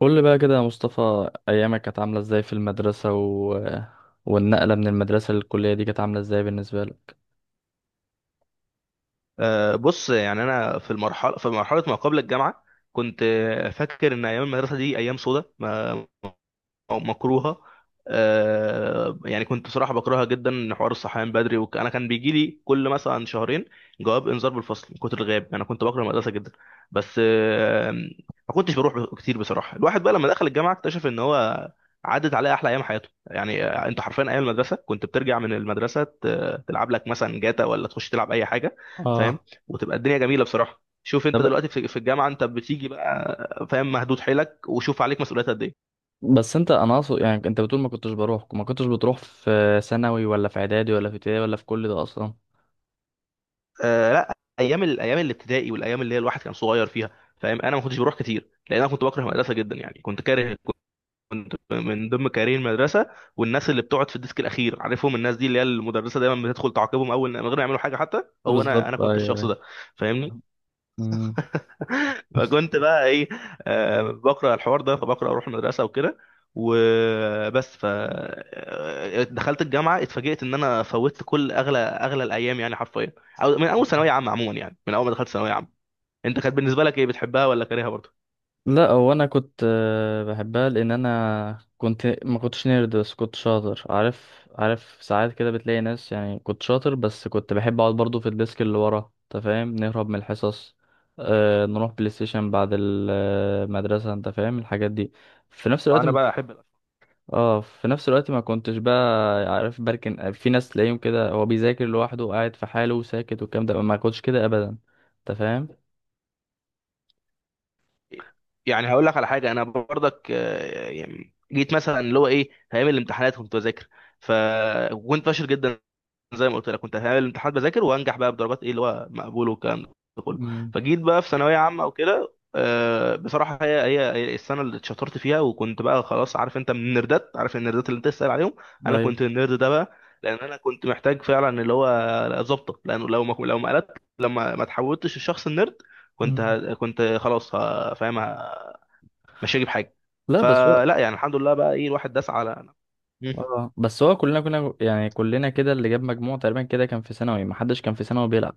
قول لي بقى كده يا مصطفى، ايامك كانت عامله ازاي في المدرسه والنقله من المدرسه للكليه دي كانت عامله ازاي بالنسبه لك؟ بص يعني انا في مرحله ما قبل الجامعه. كنت فاكر ان ايام المدرسه دي ايام سودة ما او مكروهه. يعني كنت بصراحه بكرهها جدا، ان حوار الصحيان بدري انا كان بيجي لي كل مثلا شهرين جواب انذار بالفصل من كتر الغياب. انا كنت بكره المدرسه جدا، بس ما كنتش بروح كتير بصراحه. الواحد بقى لما دخل الجامعه اكتشف ان هو عدت عليه احلى ايام حياته، يعني انت حرفيا ايام المدرسه كنت بترجع من المدرسه تلعب لك مثلا جاتا ولا تخش تلعب اي حاجه، فاهم، اه، وتبقى الدنيا جميله بصراحه. شوف طب انت دلوقتي في الجامعه انت بتيجي بقى فاهم، مهدود حيلك، وشوف عليك مسؤوليات قد ايه. بس انت، انا اقصد يعني انت بتقول ما كنتش بروح، ما كنتش بتروح في ثانوي ولا في اعدادي ولا في ابتدائي ولا في كل ده اصلا؟ لا، ايام الابتدائي والايام اللي هي الواحد كان صغير فيها، فاهم. انا ما كنتش بروح كتير لان انا كنت بكره المدرسه جدا، يعني كنت كاره، كنت من ضمن كارهين المدرسه. والناس اللي بتقعد في الديسك الاخير عارفهم، الناس دي اللي هي المدرسه دايما بتدخل تعاقبهم اول من غير ما يعملوا حاجه، حتى هو انا بالظبط، كنت ايوه الشخص ايوه. ده. فاهمني. مم. فكنت بقى ايه، بقرا الحوار ده فبقرا اروح المدرسه وكده وبس. ف آه، دخلت الجامعه اتفاجئت ان انا فوتت كل اغلى الايام يعني حرفيا، أو من اول ثانويه عامه. عموما يعني من اول ما دخلت ثانويه عامه، انت كانت بالنسبه لك ايه، بتحبها ولا كارهها برضه؟ لا، هو انا كنت بحبها لان انا كنت ما كنتش نيرد، بس كنت شاطر، عارف؟ ساعات كده بتلاقي ناس، يعني كنت شاطر بس كنت بحب اقعد برضو في الديسك اللي ورا، انت فاهم، نهرب من الحصص. آه، نروح بلاي ستيشن بعد المدرسة، انت فاهم الحاجات دي. في نفس الوقت وانا ما بقى كنت، احب الأشياء. اه، في نفس الوقت ما كنتش بقى، عارف، بركن في ناس تلاقيهم كده هو بيذاكر لوحده، قاعد في حاله وساكت والكلام ده، ما كنتش كده ابدا. انت فاهم؟ يعني هقول لك على حاجه، انا برضك يعني جيت مثلا اللي هو ايه، في ايام الامتحانات كنت بذاكر، فكنت فاشل جدا. زي ما قلت لك، كنت في ايام الامتحانات بذاكر وانجح بقى بدرجات ايه، اللي هو مقبول والكلام ده. امم. فجيت بقى في ثانويه عامه وكده، بصراحه هي السنه اللي اتشطرت فيها، وكنت بقى خلاص. عارف انت من النردات، عارف النردات اللي انت تسال عليهم؟ انا ايوه. كنت النرد ده بقى، لان انا كنت محتاج فعلا اللي هو ظبطه، لانه لو ما قلت، لما ما تحولتش الشخص النرد، مم. كنت خلاص فاهم مش هجيب حاجه. لا بس هو، فلا، يعني الحمد لله بقى ايه، الواحد داس على. اه بس هو كلنا كنا، يعني كلنا كده اللي جاب مجموع تقريبا كده كان في ثانوي، ما حدش كان في ثانوي بيلعب.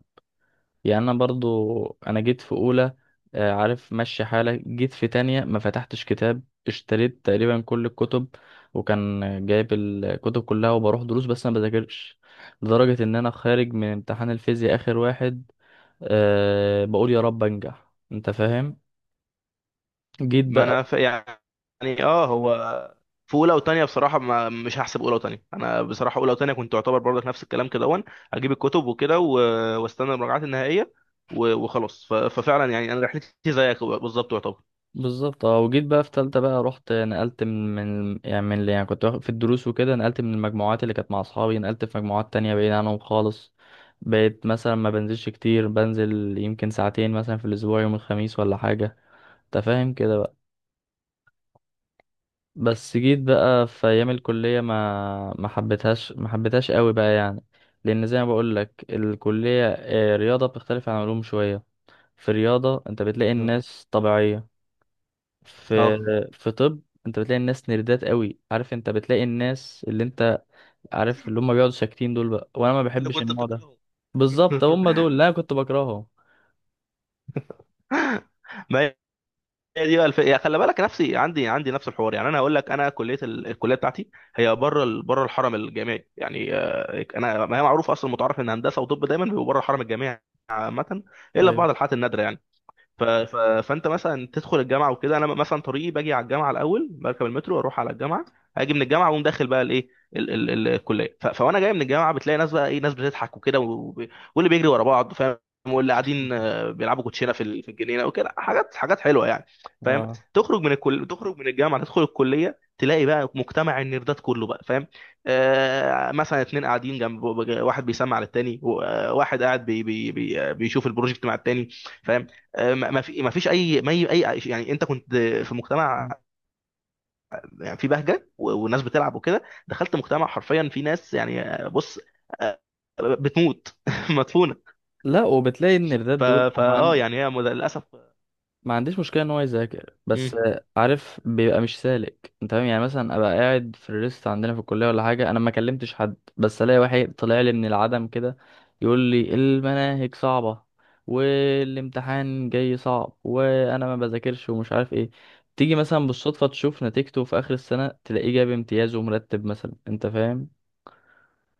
يعني انا برضو، انا جيت في اولى عارف مشي حالك، جيت في تانية ما فتحتش كتاب، اشتريت تقريبا كل الكتب، وكان جايب الكتب كلها وبروح دروس بس انا بذاكرش، لدرجة ان انا خارج من امتحان الفيزياء اخر واحد، أه بقول يا رب انجح، انت فاهم؟ جيت ما انا بقى ف... يعني هو في اولى وتانية بصراحه ما مش هحسب اولى وتانية. انا بصراحه اولى وتانية كنت اعتبر برضك نفس الكلام كده، وان اجيب الكتب وكده واستنى المراجعات النهائيه وخلاص. ففعلا يعني انا رحلتي زيك بالظبط يعتبر. بالظبط اه، وجيت بقى في تالتة بقى، رحت نقلت من، يعني من اللي، يعني كنت واخد في الدروس وكده، نقلت من المجموعات اللي كانت مع أصحابي، نقلت في مجموعات تانية بعيد عنهم خالص. بقيت مثلا ما بنزلش كتير، بنزل يمكن ساعتين مثلا في الأسبوع، يوم الخميس ولا حاجة، أنت فاهم كده بقى. بس جيت بقى في أيام الكلية ما حبيتهاش ما حبيتهاش قوي بقى يعني، لأن زي ما بقول لك الكلية، رياضة بتختلف عن علوم شوية. في رياضة أنت بتلاقي آه. الناس طبيعية. في اه في طب انت بتلاقي الناس نيردات قوي، عارف؟ انت بتلاقي الناس اللي انت، عارف، اللي هم بيقعدوا ساكتين دول بقى، وانا ما اللي بحبش كنت النوع ده. بتكرهه. بالظبط، هم دول اللي انا كنت بكرههم. ما هي دي بقى يعني خلي بالك، نفسي عندي نفس الحوار. يعني انا هقول لك انا كليه الكليه بتاعتي هي بره بره الحرم الجامعي، يعني انا ما هي معروف اصلا، متعارف ان هندسه وطب دايما بيبقوا بره الحرم الجامعي عامة إلا في ايوه. بعض الحالات النادرة يعني. فانت مثلا تدخل الجامعه وكده. انا مثلا طريقي باجي على الجامعه الاول، بركب المترو واروح على الجامعه، اجي من الجامعه واقوم داخل بقى الايه، الكليه. فوانا جاي من الجامعه بتلاقي ناس بقى ايه، ناس بتضحك وكده واللي بيجري ورا بعض فاهم، واللي قاعدين بيلعبوا كوتشينه في في الجنينه وكده، حاجات حاجات حلوه يعني. فاهم. اه. تخرج من الجامعه، تدخل الكليه، تلاقي بقى مجتمع النيردات كله بقى، فاهم. مثلا اتنين قاعدين جنب واحد بيسمع للتاني واحد قاعد بي بي بي آه، بيشوف البروجكت مع التاني، فاهم. آه، ما ما في ما فيش اي ما اي أي- يعني انت كنت في مجتمع، يعني في بهجه والناس بتلعب وكده. دخلت مجتمع حرفيا في ناس، يعني بص، آه، بتموت مدفونه. لا، وبتلاقي النيردات ف دول فا اه يعني للاسف. ما عنديش مشكلة ان هو يذاكر، بس مم. عارف، بيبقى مش سالك، انت فاهم؟ يعني مثلا ابقى قاعد في الريست عندنا في الكلية ولا حاجة، انا ما كلمتش حد، بس الاقي واحد طلع لي من العدم كده يقول لي المناهج صعبة والامتحان جاي صعب وانا ما بذاكرش، ومش عارف ايه، تيجي مثلا بالصدفة تشوف نتيجته في اخر السنة، تلاقيه جاب امتياز ومرتب مثلا، انت فاهم؟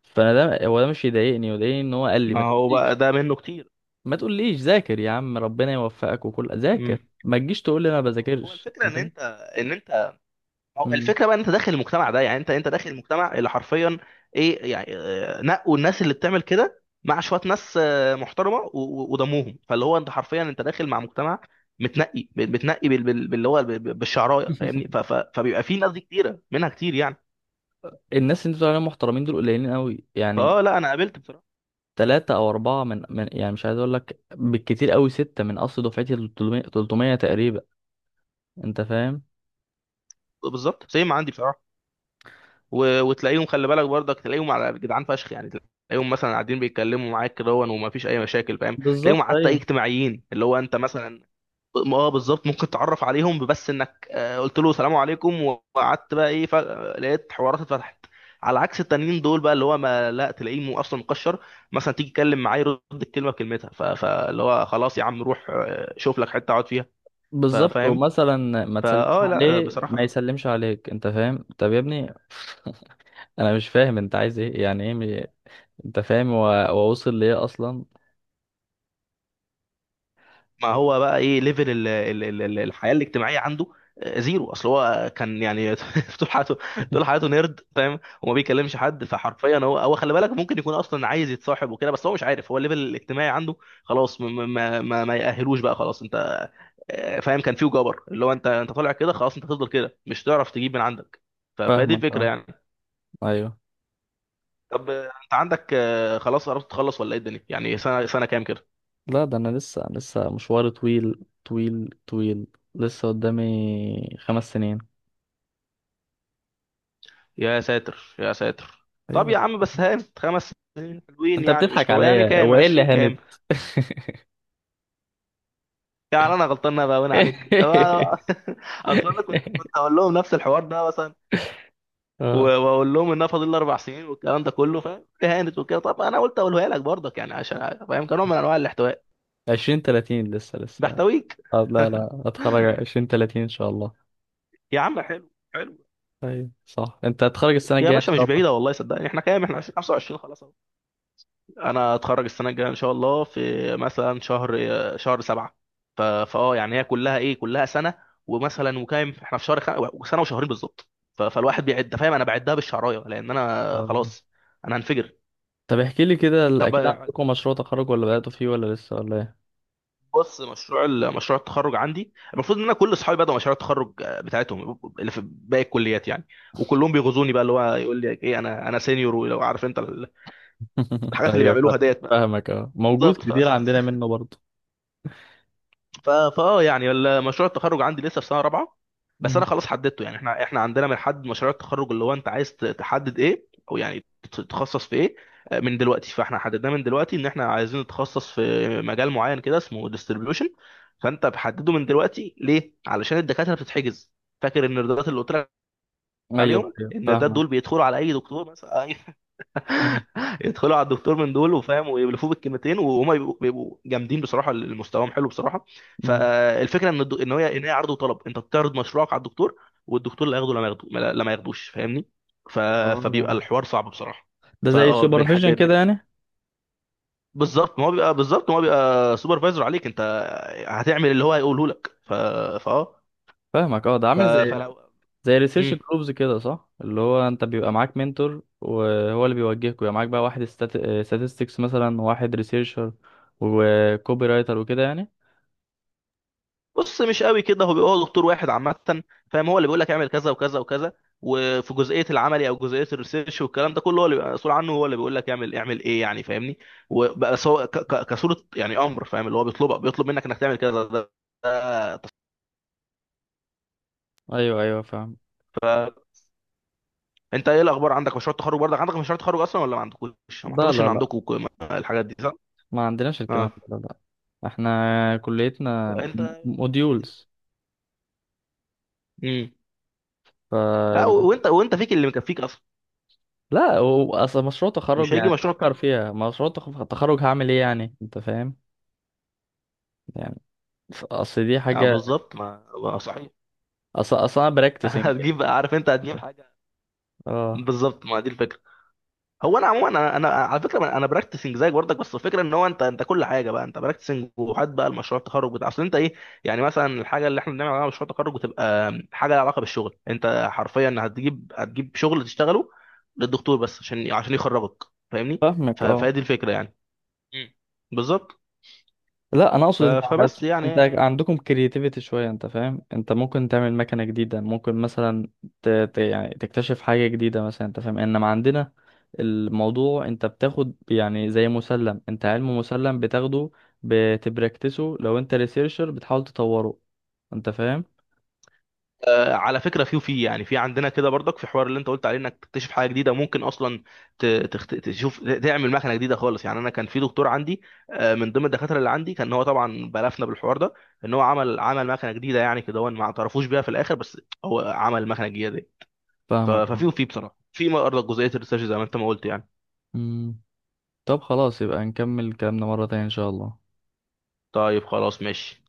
فانا ده، هو ده مش يضايقني، يضايقني ان هو قال لي ما ما هو تقوليش، بقى ده منه كتير. ما تقوليش ذاكر يا عم، ربنا يوفقك وكل، ذاكر، مم. ما تجيش تقول لي انا ما هو هو بذاكرش، الفكره انت ان فاهم؟ انت ان انت هو مم. الفكره بقى إن انت داخل المجتمع ده، يعني انت داخل المجتمع اللي حرفيا ايه، يعني نقوا الناس اللي بتعمل كده مع شويه ناس محترمه ودموهم، فاللي هو انت حرفيا انت داخل مع مجتمع متنقي بتنقي باللي هو بالشعرايه، فاهمني. فبيبقى في ناس دي كتيره منها كتير يعني. الناس اللي انت بتقول عليهم محترمين دول قليلين قوي يعني، لا، انا قابلت بصراحه، ثلاثة أو أربعة من يعني مش عايز أقول لك بالكتير قوي، ستة من أصل دفعتي 300 تقريبا، أنت فاهم؟ بالظبط سيم عندي بصراحه. وتلاقيهم خلي بالك برضك، تلاقيهم على جدعان فشخ يعني، تلاقيهم مثلا قاعدين بيتكلموا معاك كده ومفيش اي مشاكل، فاهم، تلاقيهم بالظبط، حتى ايه، ايوه. اجتماعيين، اللي هو انت مثلا اه بالظبط ممكن تتعرف عليهم، بس انك قلت له سلام عليكم وقعدت بقى ايه، فجأة لقيت حوارات اتفتحت. على عكس التانيين دول بقى اللي هو ما لا تلاقيه اصلا مكشر. مثلا تيجي تتكلم معاه يرد الكلمه بكلمتها، فاللي هو خلاص، يا عم روح شوف لك حته اقعد فيها. بالظبط. فاهم. ومثلا ما تسلمش لا، عليه، ما بصراحه يسلمش عليك، أنت فاهم؟ طب يا ابني، أنا مش فاهم أنت عايز إيه، يعني إيه، أنت فاهم هو هو وصل لإيه أصلا؟ ما هو بقى ايه ليفل الحياه الاجتماعيه عنده؟ زيرو. اصل هو كان يعني طول حياته طول حياته نيرد فاهم، وما بيكلمش حد. فحرفيا هو خلي بالك ممكن يكون اصلا عايز يتصاحب وكده، بس هو مش عارف. هو الليفل الاجتماعي عنده خلاص ما يأهلوش بقى خلاص انت، فاهم. كان فيه جبر اللي هو انت طالع كده خلاص، انت هتفضل كده مش تعرف تجيب من عندك. فهي دي فاهمك الفكره أه. يعني. أيوه. طب انت عندك خلاص قربت تخلص ولا ايه الدنيا، يعني سنه كام كده؟ لا، ده انا لسه، لسه مشواري طويل طويل طويل، لسه قدامي خمس سنين. يا ساتر يا ساتر. طب ايوه. يا عم بس هانت خمس حلوين، انت يعني مش بتضحك حلوين يعني، عليا، كام، هو ايه اللي 20 كام؟ هند؟ يعني انا غلطان، انا باين عليك، طب اصل انا كنت اقول لهم نفس الحوار ده مثلا، اه، واقول لهم انها فاضل لي اربع سنين والكلام ده كله، فاهم، اهانت وكده. طب انا قلت اقولها لك برضك، يعني عشان فاهم، كنوع من انواع الاحتواء، عشرين تلاتين لسه لسه. بحتويك. لا لا، هتخرج عشرين تلاتين ان شاء الله. يا عم حلو حلو. ايوه صح، انت هتخرج السنة يا الجاية ان باشا مش شاء الله. بعيده، والله صدقني، احنا كام، احنا 20 25 خلاص. انا اتخرج السنه الجايه ان شاء الله في مثلا شهر سبعة. ف- فاه يعني هي كلها ايه، كلها سنه. ومثلا وكام احنا، في شهر سنه وشهرين بالظبط. فالواحد بيعد فاهم، انا بعدها بالشعرايه لان انا آه. خلاص، انا هنفجر. طب احكي لي كده، طب اكيد عندكم مشروع تخرج، ولا بدأتوا فيه، ولا لسه، ولا ايه؟ بص، مشروع مشروع التخرج عندي المفروض ان انا كل اصحابي بدأوا مشاريع التخرج بتاعتهم اللي في باقي الكليات يعني. وكلهم بيغزوني بقى اللي هو يقول لي ايه، انا سينيور ولو، عارف انت الحاجات اللي ايوه، بيعملوها ديت بقى. فاهمك اه، موجود بالظبط. كتير عندنا منه برضه. ف- فاه يعني مشروع التخرج عندي لسه في سنه رابعه. بس انا مم. خلاص حددته، يعني احنا عندنا بنحدد مشاريع التخرج اللي هو انت عايز تحدد ايه او يعني تتخصص في ايه من دلوقتي. فاحنا حددناه من دلوقتي ان احنا عايزين نتخصص في مجال معين كده اسمه ديستريبيوشن. فانت بحدده من دلوقتي ليه، علشان الدكاتره بتتحجز. فاكر النردات اللي قلت لك ايوه عليهم؟ ايوه، النردات فاهمك. دول بيدخلوا على اي دكتور مثلا، يدخلوا على الدكتور من دول وفاهم ويبلفوه بالكلمتين، وهما بيبقوا جامدين بصراحه، مستواهم حلو بصراحه. مم. فالفكره ان ان هي عرض وطلب، انت بتعرض مشروعك على الدكتور، والدكتور لا ياخده لما ياخده، لا ما ياخدوش، فاهمني. ف... فبيبقى اه، الحوار صعب بصراحه. ده زي فاه بنح... ب... سوبرفيجن كده ب- يعني؟ بالظبط ما هو بيبقى سوبرفايزر عليك انت، هتعمل اللي هو هيقوله لك. فاه فاهمك اه، ده ف... عامل زي فلو. زي ريسيرش جروبز كده صح، اللي هو انت بيبقى معاك منتور وهو اللي بيوجهك، ويبقى معاك بقى واحد statistics مثلا، وواحد ريسيرشر وكوبي رايتر وكده يعني. بص مش قوي كده، هو بيبقى هو دكتور واحد عامه، فاهم. هو اللي بيقول لك اعمل كذا وكذا وكذا، وفي جزئيه العملي او جزئيه الريسيرش والكلام ده كله هو اللي بيبقى مسؤول عنه. هو اللي بيقول لك اعمل ايه يعني، فاهمني. بس هو كصوره، يعني امر فاهم، اللي هو بيطلبك، بيطلب منك انك تعمل كذا ده. ده تص- ايوه ايوه، فاهم. انت ايه الاخبار، عندك مشروع التخرج برضك، عندك مشروع تخرج اصلا ولا ما عندكوش؟ ما لا اعتقدش ان لا لا، عندكم الحاجات دي صح. ما عندناش اه. الكلام ده، لا لا. احنا كليتنا انت. موديولز، امم ف، لا، وانت فيك اللي مكفيك اصلا. لا اصل مشروع تخرج، مش هيجي يعني مشروع فكر التخرج. فيها، مشروع تخرج هعمل ايه يعني، انت فاهم؟ يعني اصل دي اه حاجة، بالظبط، ما صحيح. اصل، انا براكتسنج، هتجيب بقى، عارف انت هتجيب حاجه. اه. بالظبط، ما دي الفكره. هو انا عموما أنا على فكره، أنا براكتسنج زيك برضك. بس الفكره ان هو انت كل حاجه بقى، انت براكتسنج، وحد بقى المشروع التخرج بتاع اصل انت ايه. يعني مثلا الحاجه اللي احنا بنعمل عليها مشروع تخرج بتبقى حاجه لها علاقه بالشغل، انت حرفيا هتجيب شغل تشتغله للدكتور بس عشان يخرجك، فاهمني. فاهمك فهي اه. دي الفكره يعني. مم. بالظبط. لا انا اقصد انت عايز، فبس انت يعني. عندكم كرياتيفيتي شويه انت فاهم، انت ممكن تعمل مكنه جديده، ممكن مثلا يعني تكتشف حاجه جديده مثلا، انت فاهم؟ انما عندنا الموضوع انت بتاخد، يعني زي مسلم، انت علم مسلم بتاخده بتبركتسه، لو انت ريسيرشر بتحاول تطوره، انت فاهم؟ على فكره في يعني في عندنا كده برضك في حوار اللي انت قلت عليه انك تكتشف حاجه جديده ممكن اصلا تشوف تعمل مكنه جديده خالص يعني. انا كان في دكتور عندي من ضمن الدكاتره اللي عندي، كان هو طبعا بلفنا بالحوار ده ان هو عمل مكنه جديده. يعني كده هو ما اعترفوش بيها في الاخر، بس هو عمل المكنه الجديده دي. ف- فاهمك اه. ففي وفي بصراحه في برضك جزئيه الريسيرش زي ما انت ما قلت يعني. أمم. طب خلاص، يبقى نكمل كلامنا مره تانية ان شاء الله. طيب خلاص ماشي.